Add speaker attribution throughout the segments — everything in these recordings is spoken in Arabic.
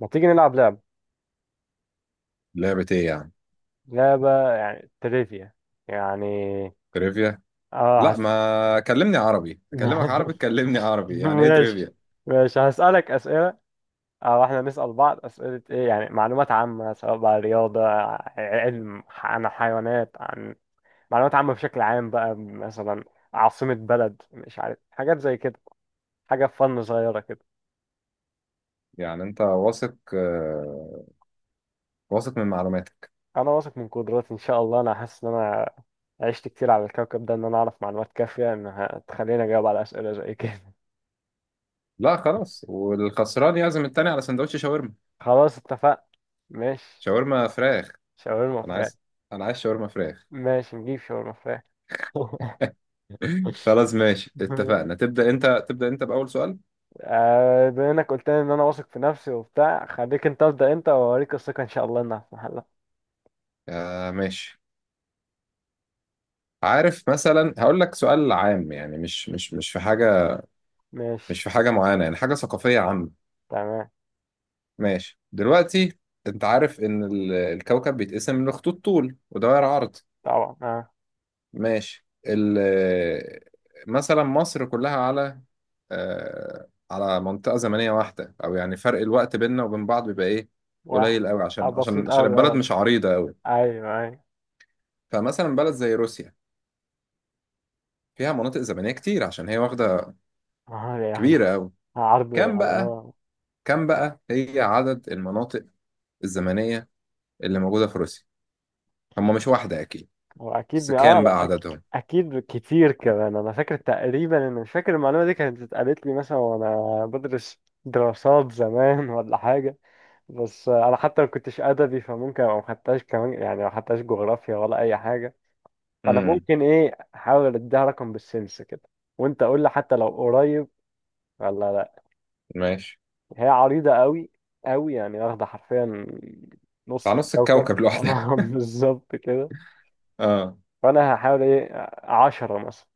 Speaker 1: ما تيجي نلعب لعبة؟
Speaker 2: لعبة ايه يعني؟
Speaker 1: لعبة يعني تريفيا يعني.
Speaker 2: تريفيا؟
Speaker 1: اه،
Speaker 2: لا، ما كلمني عربي اكلمك عربي، تكلمني عربي يعني ايه
Speaker 1: ماشي.
Speaker 2: تريفيا؟
Speaker 1: ماشي، هسألك أسئلة أو إحنا نسأل بعض أسئلة، إيه يعني معلومات عامة، سواء بقى رياضة، علم، عن حيوانات، عن معلومات عامة بشكل عام بقى. مثلا عاصمة بلد، مش عارف، حاجات زي كده، حاجة فن صغيرة كده.
Speaker 2: يعني انت واثق، واثق من معلوماتك؟
Speaker 1: أنا واثق من قدراتي إن شاء الله، أنا حاسس إن أنا عشت كتير على الكوكب ده، إن أنا أعرف معلومات كافية إنها تخليني أجاوب على أسئلة زي كده.
Speaker 2: لا خلاص، والخسران يعزم التاني على سندوتش شاورما.
Speaker 1: خلاص اتفقنا. ماشي.
Speaker 2: شاورما فراخ.
Speaker 1: شاورما
Speaker 2: انا
Speaker 1: فراخ.
Speaker 2: عايز، انا عايز شاورما فراخ.
Speaker 1: ماشي نجيب شاورما فراخ.
Speaker 2: خلاص ماشي، اتفقنا. تبدأ انت، تبدأ انت بأول سؤال.
Speaker 1: آه، بما انك قلت لي ان انا واثق في نفسي وبتاع، خليك انت ابدا انت، واوريك الثقه ان شاء الله انها في محلها.
Speaker 2: آه ماشي. عارف، مثلا هقول لك سؤال عام، يعني مش في حاجة،
Speaker 1: ماشي.
Speaker 2: مش في حاجة معينة، يعني حاجة ثقافية عامة.
Speaker 1: تمام.
Speaker 2: ماشي دلوقتي، انت عارف ان الكوكب بيتقسم لخطوط طول ودوائر عرض.
Speaker 1: طبعا، اه.
Speaker 2: ماشي. مثلا مصر كلها على، على منطقة زمنية واحدة، او يعني فرق الوقت بيننا وبين بعض بيبقى ايه؟
Speaker 1: واحد.
Speaker 2: قليل قوي،
Speaker 1: آه
Speaker 2: عشان عشان
Speaker 1: بسيط
Speaker 2: عشان
Speaker 1: قوي،
Speaker 2: البلد
Speaker 1: اه.
Speaker 2: مش عريضة قوي.
Speaker 1: ايوه ايوه.
Speaker 2: فمثلا بلد زي روسيا فيها مناطق زمنية كتير، عشان هي واخدة
Speaker 1: اه يا أخي.
Speaker 2: كبيرة قوي.
Speaker 1: عرض
Speaker 2: كم
Speaker 1: يعني،
Speaker 2: بقى،
Speaker 1: اه.
Speaker 2: كم بقى هي عدد المناطق الزمنية اللي موجودة في روسيا؟ هم مش واحدة اكيد،
Speaker 1: هو اكيد
Speaker 2: بس
Speaker 1: اه،
Speaker 2: كام بقى
Speaker 1: لا أك...
Speaker 2: عددهم؟
Speaker 1: اكيد كتير كمان. انا فاكر تقريبا، انا مش فاكر، المعلومه دي كانت اتقالت لي مثلا وانا بدرس دراسات زمان ولا حاجه. بس انا حتى ما كنتش ادبي، فممكن ابقى ما خدتهاش كمان، يعني ما خدتهاش جغرافيا ولا اي حاجه. فانا ممكن ايه، احاول اديها رقم بالسنس كده، وانت قول لي حتى لو قريب ولا لا.
Speaker 2: ماشي.
Speaker 1: هي عريضه قوي قوي، يعني واخده حرفيا نص
Speaker 2: على نص
Speaker 1: الكوكب.
Speaker 2: الكوكب لوحدها.
Speaker 1: اه بالظبط كده.
Speaker 2: اه.
Speaker 1: فانا هحاول ايه، 10 مثلا.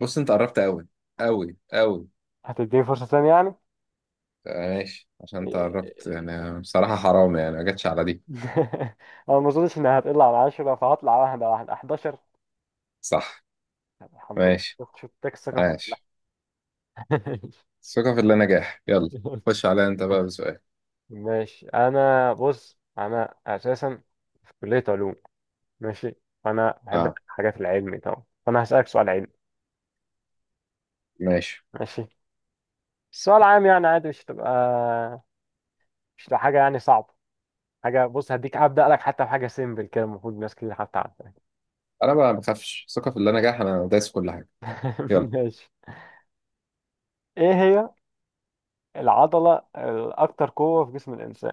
Speaker 2: بص، انت قربت قوي، قوي.
Speaker 1: هتديني فرصه تانية يعني؟
Speaker 2: آه، ماشي، عشان انت قربت يعني، بصراحة حرام يعني ما جاتش على دي.
Speaker 1: انا ما اظنش انها هتقل عن 10، فهطلع واحده واحده 11.
Speaker 2: صح.
Speaker 1: الحمد لله،
Speaker 2: ماشي
Speaker 1: شفت الثقه في
Speaker 2: ماشي.
Speaker 1: محلها.
Speaker 2: ثقة في الله نجاح، يلا.
Speaker 1: قلت
Speaker 2: خش عليا انت بقى بسؤال.
Speaker 1: ماشي. انا بص، انا اساسا في كليه علوم. ماشي. فانا بحب
Speaker 2: اه
Speaker 1: حاجات العلمي طبعا، فانا هسالك سؤال علمي.
Speaker 2: ماشي.
Speaker 1: ماشي. السؤال عام يعني، عادي، مش تبقى حاجه يعني صعبه. حاجه، بص، هديك ابدا لك حتى بحاجه سيمبل كده، المفروض ناس كتير حتى عارفاها.
Speaker 2: انا بقى ما بخافش، ثقة في الله نجاح، انا دايس في كل حاجة. يلا.
Speaker 1: ماشي. ايه هي العضله الاكثر قوه في جسم الانسان؟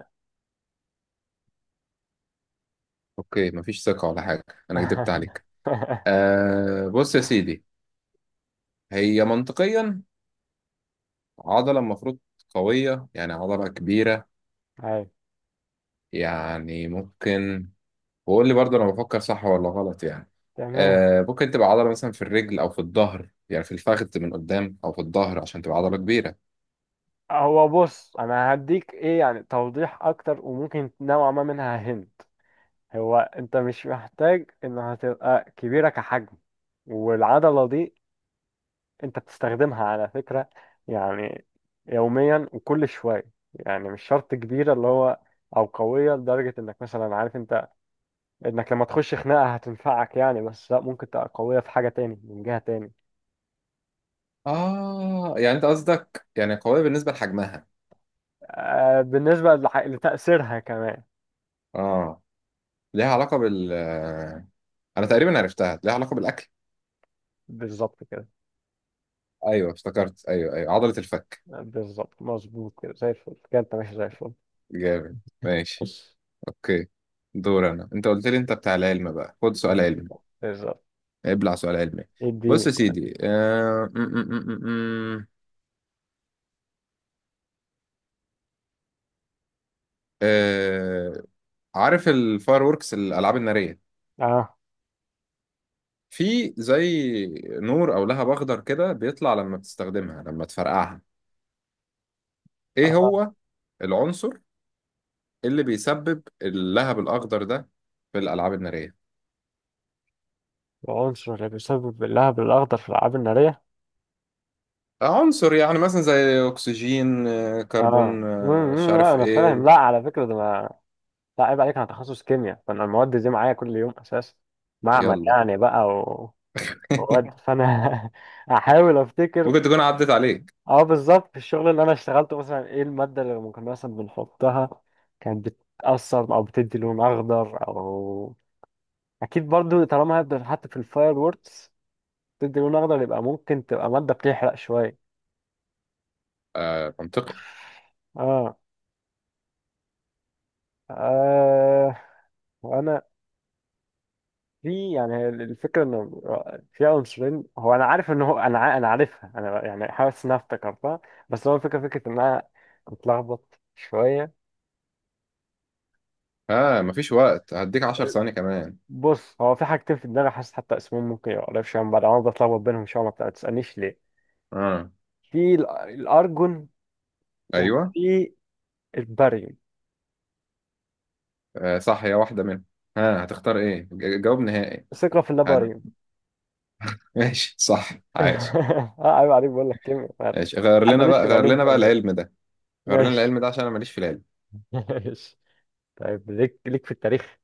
Speaker 2: اوكي مفيش ثقة ولا حاجة، انا كدبت عليك. آه بص يا سيدي، هي منطقيا عضلة المفروض قوية، يعني عضلة كبيرة.
Speaker 1: أيوة،
Speaker 2: يعني ممكن، وقول لي برضه انا بفكر صح ولا غلط يعني.
Speaker 1: تمام.
Speaker 2: آه، ممكن تبقى عضله مثلا في الرجل او في الظهر، يعني في الفخذ من قدام او في الظهر، عشان تبقى عضله كبيره.
Speaker 1: هو بص، انا هديك ايه يعني توضيح اكتر، وممكن نوعا ما منها هنت. هو انت مش محتاج ان هتبقى كبيرة كحجم، والعضلة دي انت بتستخدمها على فكرة يعني يوميا وكل شوية، يعني مش شرط كبيرة اللي هو، او قوية لدرجة انك مثلا، عارف انت، انك لما تخش خناقة هتنفعك يعني، بس لا، ممكن تبقى قوية في حاجة تاني من جهة تاني.
Speaker 2: اه يعني انت قصدك يعني قويه بالنسبه لحجمها.
Speaker 1: آه بالنسبة لتأثيرها كمان.
Speaker 2: اه، ليها علاقه بال انا تقريبا عرفتها ليها علاقه بالاكل.
Speaker 1: بالظبط كده.
Speaker 2: ايوه افتكرت، ايوه ايوه، عضله الفك.
Speaker 1: بالظبط، مظبوط كده، زي الفل كده، انت ماشي زي الفل.
Speaker 2: جامد. ماشي.
Speaker 1: بص،
Speaker 2: اوكي. دور انا، انت قلت لي انت بتاع العلم بقى، خد سؤال علمي.
Speaker 1: بالظبط.
Speaker 2: ابلع سؤال علمي. بص
Speaker 1: اديني
Speaker 2: يا
Speaker 1: سؤال.
Speaker 2: سيدي، آه... م -م -م -م. عارف الفاير ووركس، الالعاب الناريه،
Speaker 1: اه
Speaker 2: في زي نور او لهب اخضر كده بيطلع لما بتستخدمها، لما تفرقعها، ايه
Speaker 1: اه.
Speaker 2: هو العنصر اللي بيسبب اللهب الاخضر ده في الالعاب الناريه؟
Speaker 1: العنصر اللي بيسبب اللهب الأخضر في الألعاب النارية.
Speaker 2: عنصر يعني، مثلا زي اكسجين،
Speaker 1: اه،
Speaker 2: كربون،
Speaker 1: مم،
Speaker 2: مش
Speaker 1: مم، لا
Speaker 2: عارف
Speaker 1: أنا فاهم،
Speaker 2: ايه.
Speaker 1: لا على فكرة ده ما. لا عيب عليك، أنا تخصص كيمياء، فأنا المواد دي معايا كل يوم أساسا. معمل
Speaker 2: يلا.
Speaker 1: يعني بقى، ومواد، فأنا أحاول أفتكر.
Speaker 2: ممكن تكون عدت عليك.
Speaker 1: اه بالظبط، في الشغل اللي أنا اشتغلته مثلا، إيه المادة اللي كنا مثلا بنحطها، كانت بتأثر أو بتدي لون أخضر. أو أكيد برضو طالما هبدأ حتى في الفاير ووركس بتدي لون أخضر، يبقى ممكن تبقى مادة بتحرق شوية.
Speaker 2: آه منطقي.
Speaker 1: اه. آه، وانا في، يعني هي الفكره انه في عنصرين. هو انا عارف ان هو، انا انا عارفها، انا يعني حاسس انها افتكرتها. بس هو الفكره، فكره ان انا متلخبط شويه.
Speaker 2: اه مفيش وقت، هديك 10 ثواني كمان.
Speaker 1: بص هو في حاجتين في دماغي، حاسس حتى اسمهم ممكن يبقى قريب شويه من بعض، انا بتلخبط بينهم شويه. ما ما تسالنيش ليه.
Speaker 2: اه.
Speaker 1: في الارجون،
Speaker 2: ايوه.
Speaker 1: وفي الباريوم.
Speaker 2: آه صح، هي واحده منهم. ها، آه هتختار ايه جواب نهائي؟
Speaker 1: ثقه في اللاباريوم.
Speaker 2: ماشي صح. عايش.
Speaker 1: اه عيب عليك، بقول لك كيمياء ما
Speaker 2: ماشي، غير لنا
Speaker 1: تحدانيش
Speaker 2: بقى،
Speaker 1: في
Speaker 2: غير
Speaker 1: العلوم
Speaker 2: لنا بقى
Speaker 1: تاني بقى.
Speaker 2: العلم ده. غير لنا
Speaker 1: ماشي.
Speaker 2: العلم ده، عشان انا ماليش في العلم.
Speaker 1: ماشي. طيب، ليك في التاريخ.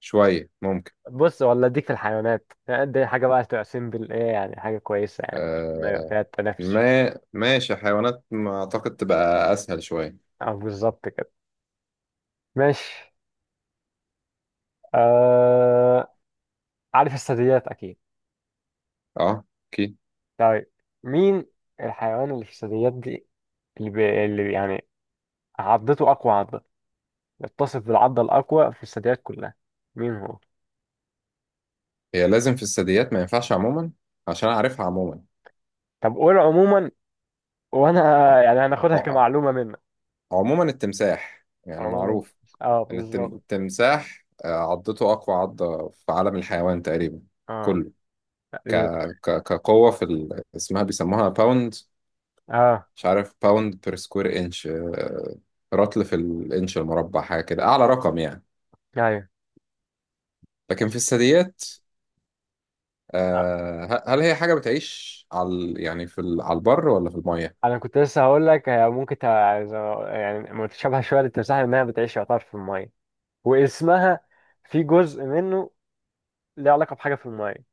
Speaker 2: شوية ممكن.
Speaker 1: بص، ولا اديك في الحيوانات، يعني دي حاجه بقى تبقى سيمبل، ايه يعني حاجه كويسه يعني، ما يبقى
Speaker 2: آه.
Speaker 1: فيها التنافس
Speaker 2: ما
Speaker 1: شوية.
Speaker 2: ماشي، حيوانات ما اعتقد تبقى اسهل شوية.
Speaker 1: او بالظبط كده. ماشي. آه... عارف الثدييات اكيد.
Speaker 2: اه. اكيد.
Speaker 1: طيب مين الحيوان اللي في الثدييات دي، اللي يعني عضته اقوى عضه، يتصف بالعضه الاقوى في الثدييات كلها؟ مين هو؟
Speaker 2: هي لازم في الثدييات؟ ما ينفعش عموما، عشان اعرفها عموما.
Speaker 1: طب قول عموما، وانا
Speaker 2: آه.
Speaker 1: يعني هناخدها
Speaker 2: آه.
Speaker 1: كمعلومه منك.
Speaker 2: آه. عموما التمساح يعني
Speaker 1: عموما،
Speaker 2: معروف
Speaker 1: اه
Speaker 2: ان
Speaker 1: بالظبط.
Speaker 2: التمساح، عضته اقوى عضة في عالم الحيوان تقريبا
Speaker 1: اه
Speaker 2: كله. ك...
Speaker 1: تقريبا.
Speaker 2: كقوة اسمها بيسموها باوند،
Speaker 1: اه
Speaker 2: مش عارف، باوند بير سكوير انش، رطل في الانش المربع، حاجه كده اعلى رقم يعني.
Speaker 1: ايوه.
Speaker 2: لكن في الثدييات، آه، هل هي حاجه بتعيش على يعني على البر ولا في الميه؟
Speaker 1: انا كنت لسه هقول لك هي ممكن يعني متشابهه شويه للتمساح، انها بتعيش يعتبر في الميه، واسمها في جزء منه ليه علاقه بحاجه في الميه.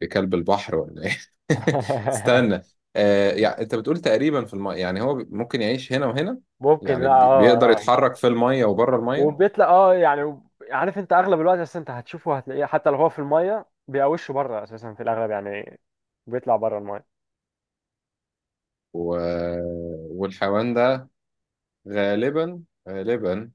Speaker 2: في كلب البحر ولا ايه؟ استنى، آه، يعني انت بتقول تقريبا في الميه، يعني هو ممكن يعيش هنا وهنا.
Speaker 1: ممكن،
Speaker 2: يعني
Speaker 1: لا اه
Speaker 2: بيقدر
Speaker 1: اه، آه، لا.
Speaker 2: يتحرك في الميه وبره الميه.
Speaker 1: وبيطلع، اه يعني، عارف انت اغلب الوقت، بس انت هتشوفه، هتلاقيه حتى لو هو في الميه بيقوشه بره اساسا في الاغلب يعني، بيطلع بره الميه.
Speaker 2: و... والحيوان ده غالبا، غالبا،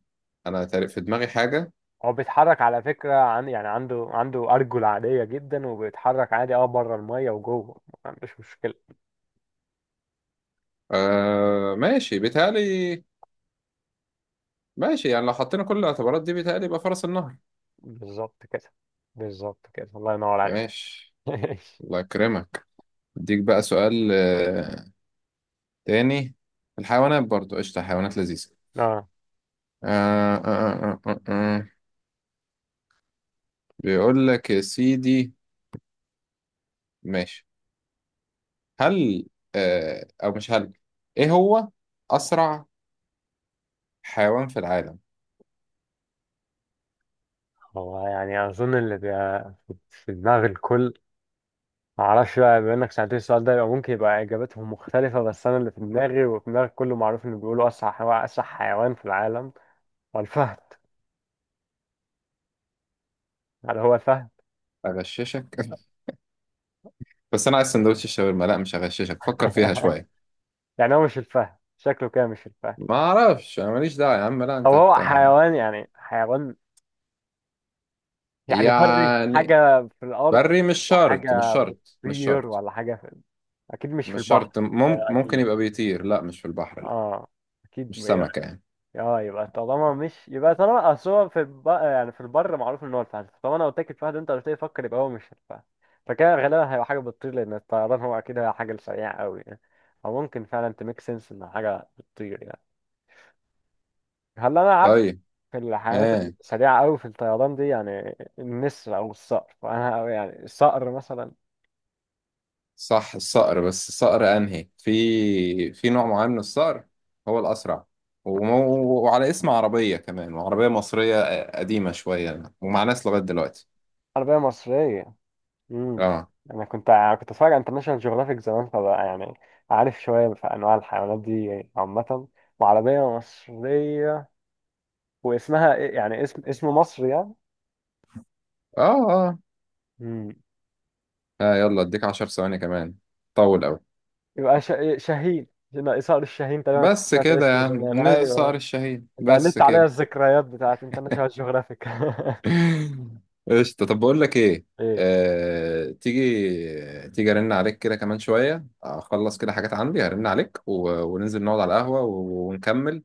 Speaker 2: انا تقريبا في دماغي حاجه.
Speaker 1: هو بيتحرك على فكره، عن يعني عنده عنده ارجل عاديه جدا وبيتحرك عادي، اه بره الميه وجوه ما عندوش مشكله.
Speaker 2: آه ماشي، بيتهيألي، ماشي، يعني لو حطينا كل الاعتبارات دي، بيتهيألي يبقى فرس النهر.
Speaker 1: بالظبط كده. بالظبط كده، الله ينور عليك.
Speaker 2: ماشي. الله يكرمك. اديك بقى سؤال، آه، تاني. الحيوانات برضو قشطة، حيوانات لذيذة.
Speaker 1: اه.
Speaker 2: آه آه آه آه آه. آه. بيقول لك يا سيدي، ماشي، هل، آه أو مش هل، إيه هو أسرع حيوان في العالم؟
Speaker 1: هو يعني اظن اللي بيبقى في دماغ الكل، معرفش بقى بما انك سألتني السؤال ده يبقى ممكن يبقى اجابتهم مختلفة، بس انا اللي في دماغي وفي دماغ كله، معروف انه بيقولوا اسرع حيوان، اسرع حيوان في العالم هو الفهد. هل هو الفهد؟
Speaker 2: أغششك؟ بس أنا عايز سندوتش الشاورما. لا مش هغششك، فكر فيها شوية.
Speaker 1: يعني هو مش الفهد؟ شكله كده مش الفهد.
Speaker 2: ما أعرفش، أنا ماليش دعوة يا عم، لا أنت
Speaker 1: او هو
Speaker 2: أنت.
Speaker 1: حيوان، يعني حيوان يعني بري،
Speaker 2: يعني
Speaker 1: حاجة في الارض،
Speaker 2: بري؟ مش شرط مش
Speaker 1: وحاجة
Speaker 2: شرط مش
Speaker 1: بتطير،
Speaker 2: شرط.
Speaker 1: ولا حاجة اكيد مش في البحر، ده
Speaker 2: ممكن
Speaker 1: اكيد.
Speaker 2: يبقى بيطير. لا مش في البحر، لا.
Speaker 1: اه اكيد.
Speaker 2: مش سمكة يعني.
Speaker 1: اه يبقى طالما مش، يبقى طالما، اصل هو في يعني في البر معروف ان هو الفهد، طالما انا قلت لك الفهد انت قلت لي فكر، يبقى هو مش الفهد. فكده غالبا هيبقى حاجه بتطير، لان الطيران هو اكيد هي حاجه سريعه قوي يعني، او ممكن فعلا تميك سنس ان حاجه بتطير يعني. هل انا عارف
Speaker 2: طيب.
Speaker 1: في الحيوانات
Speaker 2: ها
Speaker 1: السريعه قوي في الطيران دي؟ يعني النسر او الصقر، فانا يعني الصقر مثلا.
Speaker 2: صح، الصقر. بس الصقر أنهي؟ في في نوع معين من الصقر هو الأسرع، وعلى اسم عربية كمان، وعربية مصرية قديمة شوية ومع ناس لغاية دلوقتي.
Speaker 1: عربيه مصريه، امم.
Speaker 2: اه.
Speaker 1: انا كنت كنت اتفرج على انترناشونال جيوغرافيك زمان، فبقى يعني عارف شويه في انواع الحيوانات دي عامه، وعربيه ومصريه، واسمها ايه يعني، اسم مصر يعني.
Speaker 2: اه. اه.
Speaker 1: امم.
Speaker 2: آه، يلا اديك 10 ثواني كمان. طول أوي.
Speaker 1: يبقى إيه، شاهين. هنا صقر الشاهين، تقريبا كنت
Speaker 2: بس
Speaker 1: سمعت
Speaker 2: كده يا
Speaker 1: اسمه زمان،
Speaker 2: عم الصقر
Speaker 1: ايوه.
Speaker 2: الشهيد،
Speaker 1: انت
Speaker 2: بس
Speaker 1: قللت عليا
Speaker 2: كده.
Speaker 1: الذكريات بتاعت انترناشونال جيوغرافيك.
Speaker 2: قشطة. طب بقول لك ايه،
Speaker 1: ايه.
Speaker 2: تيجي ارن عليك كده كمان شوية، اخلص كده حاجات عندي، هرن عليك و... وننزل نقعد على القهوة و... ونكمل،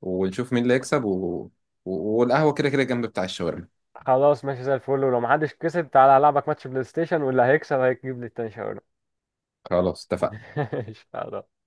Speaker 2: ونشوف مين اللي يكسب و... و... والقهوة كده كده جنب بتاع الشاورما.
Speaker 1: خلاص ماشي زي الفل، ولو محدش كسب تعالى العبك ماتش بلاي ستيشن واللي هيكسب هيجيب لي التاني شاورما.
Speaker 2: خلاص اتفقنا.
Speaker 1: ماشي خلاص.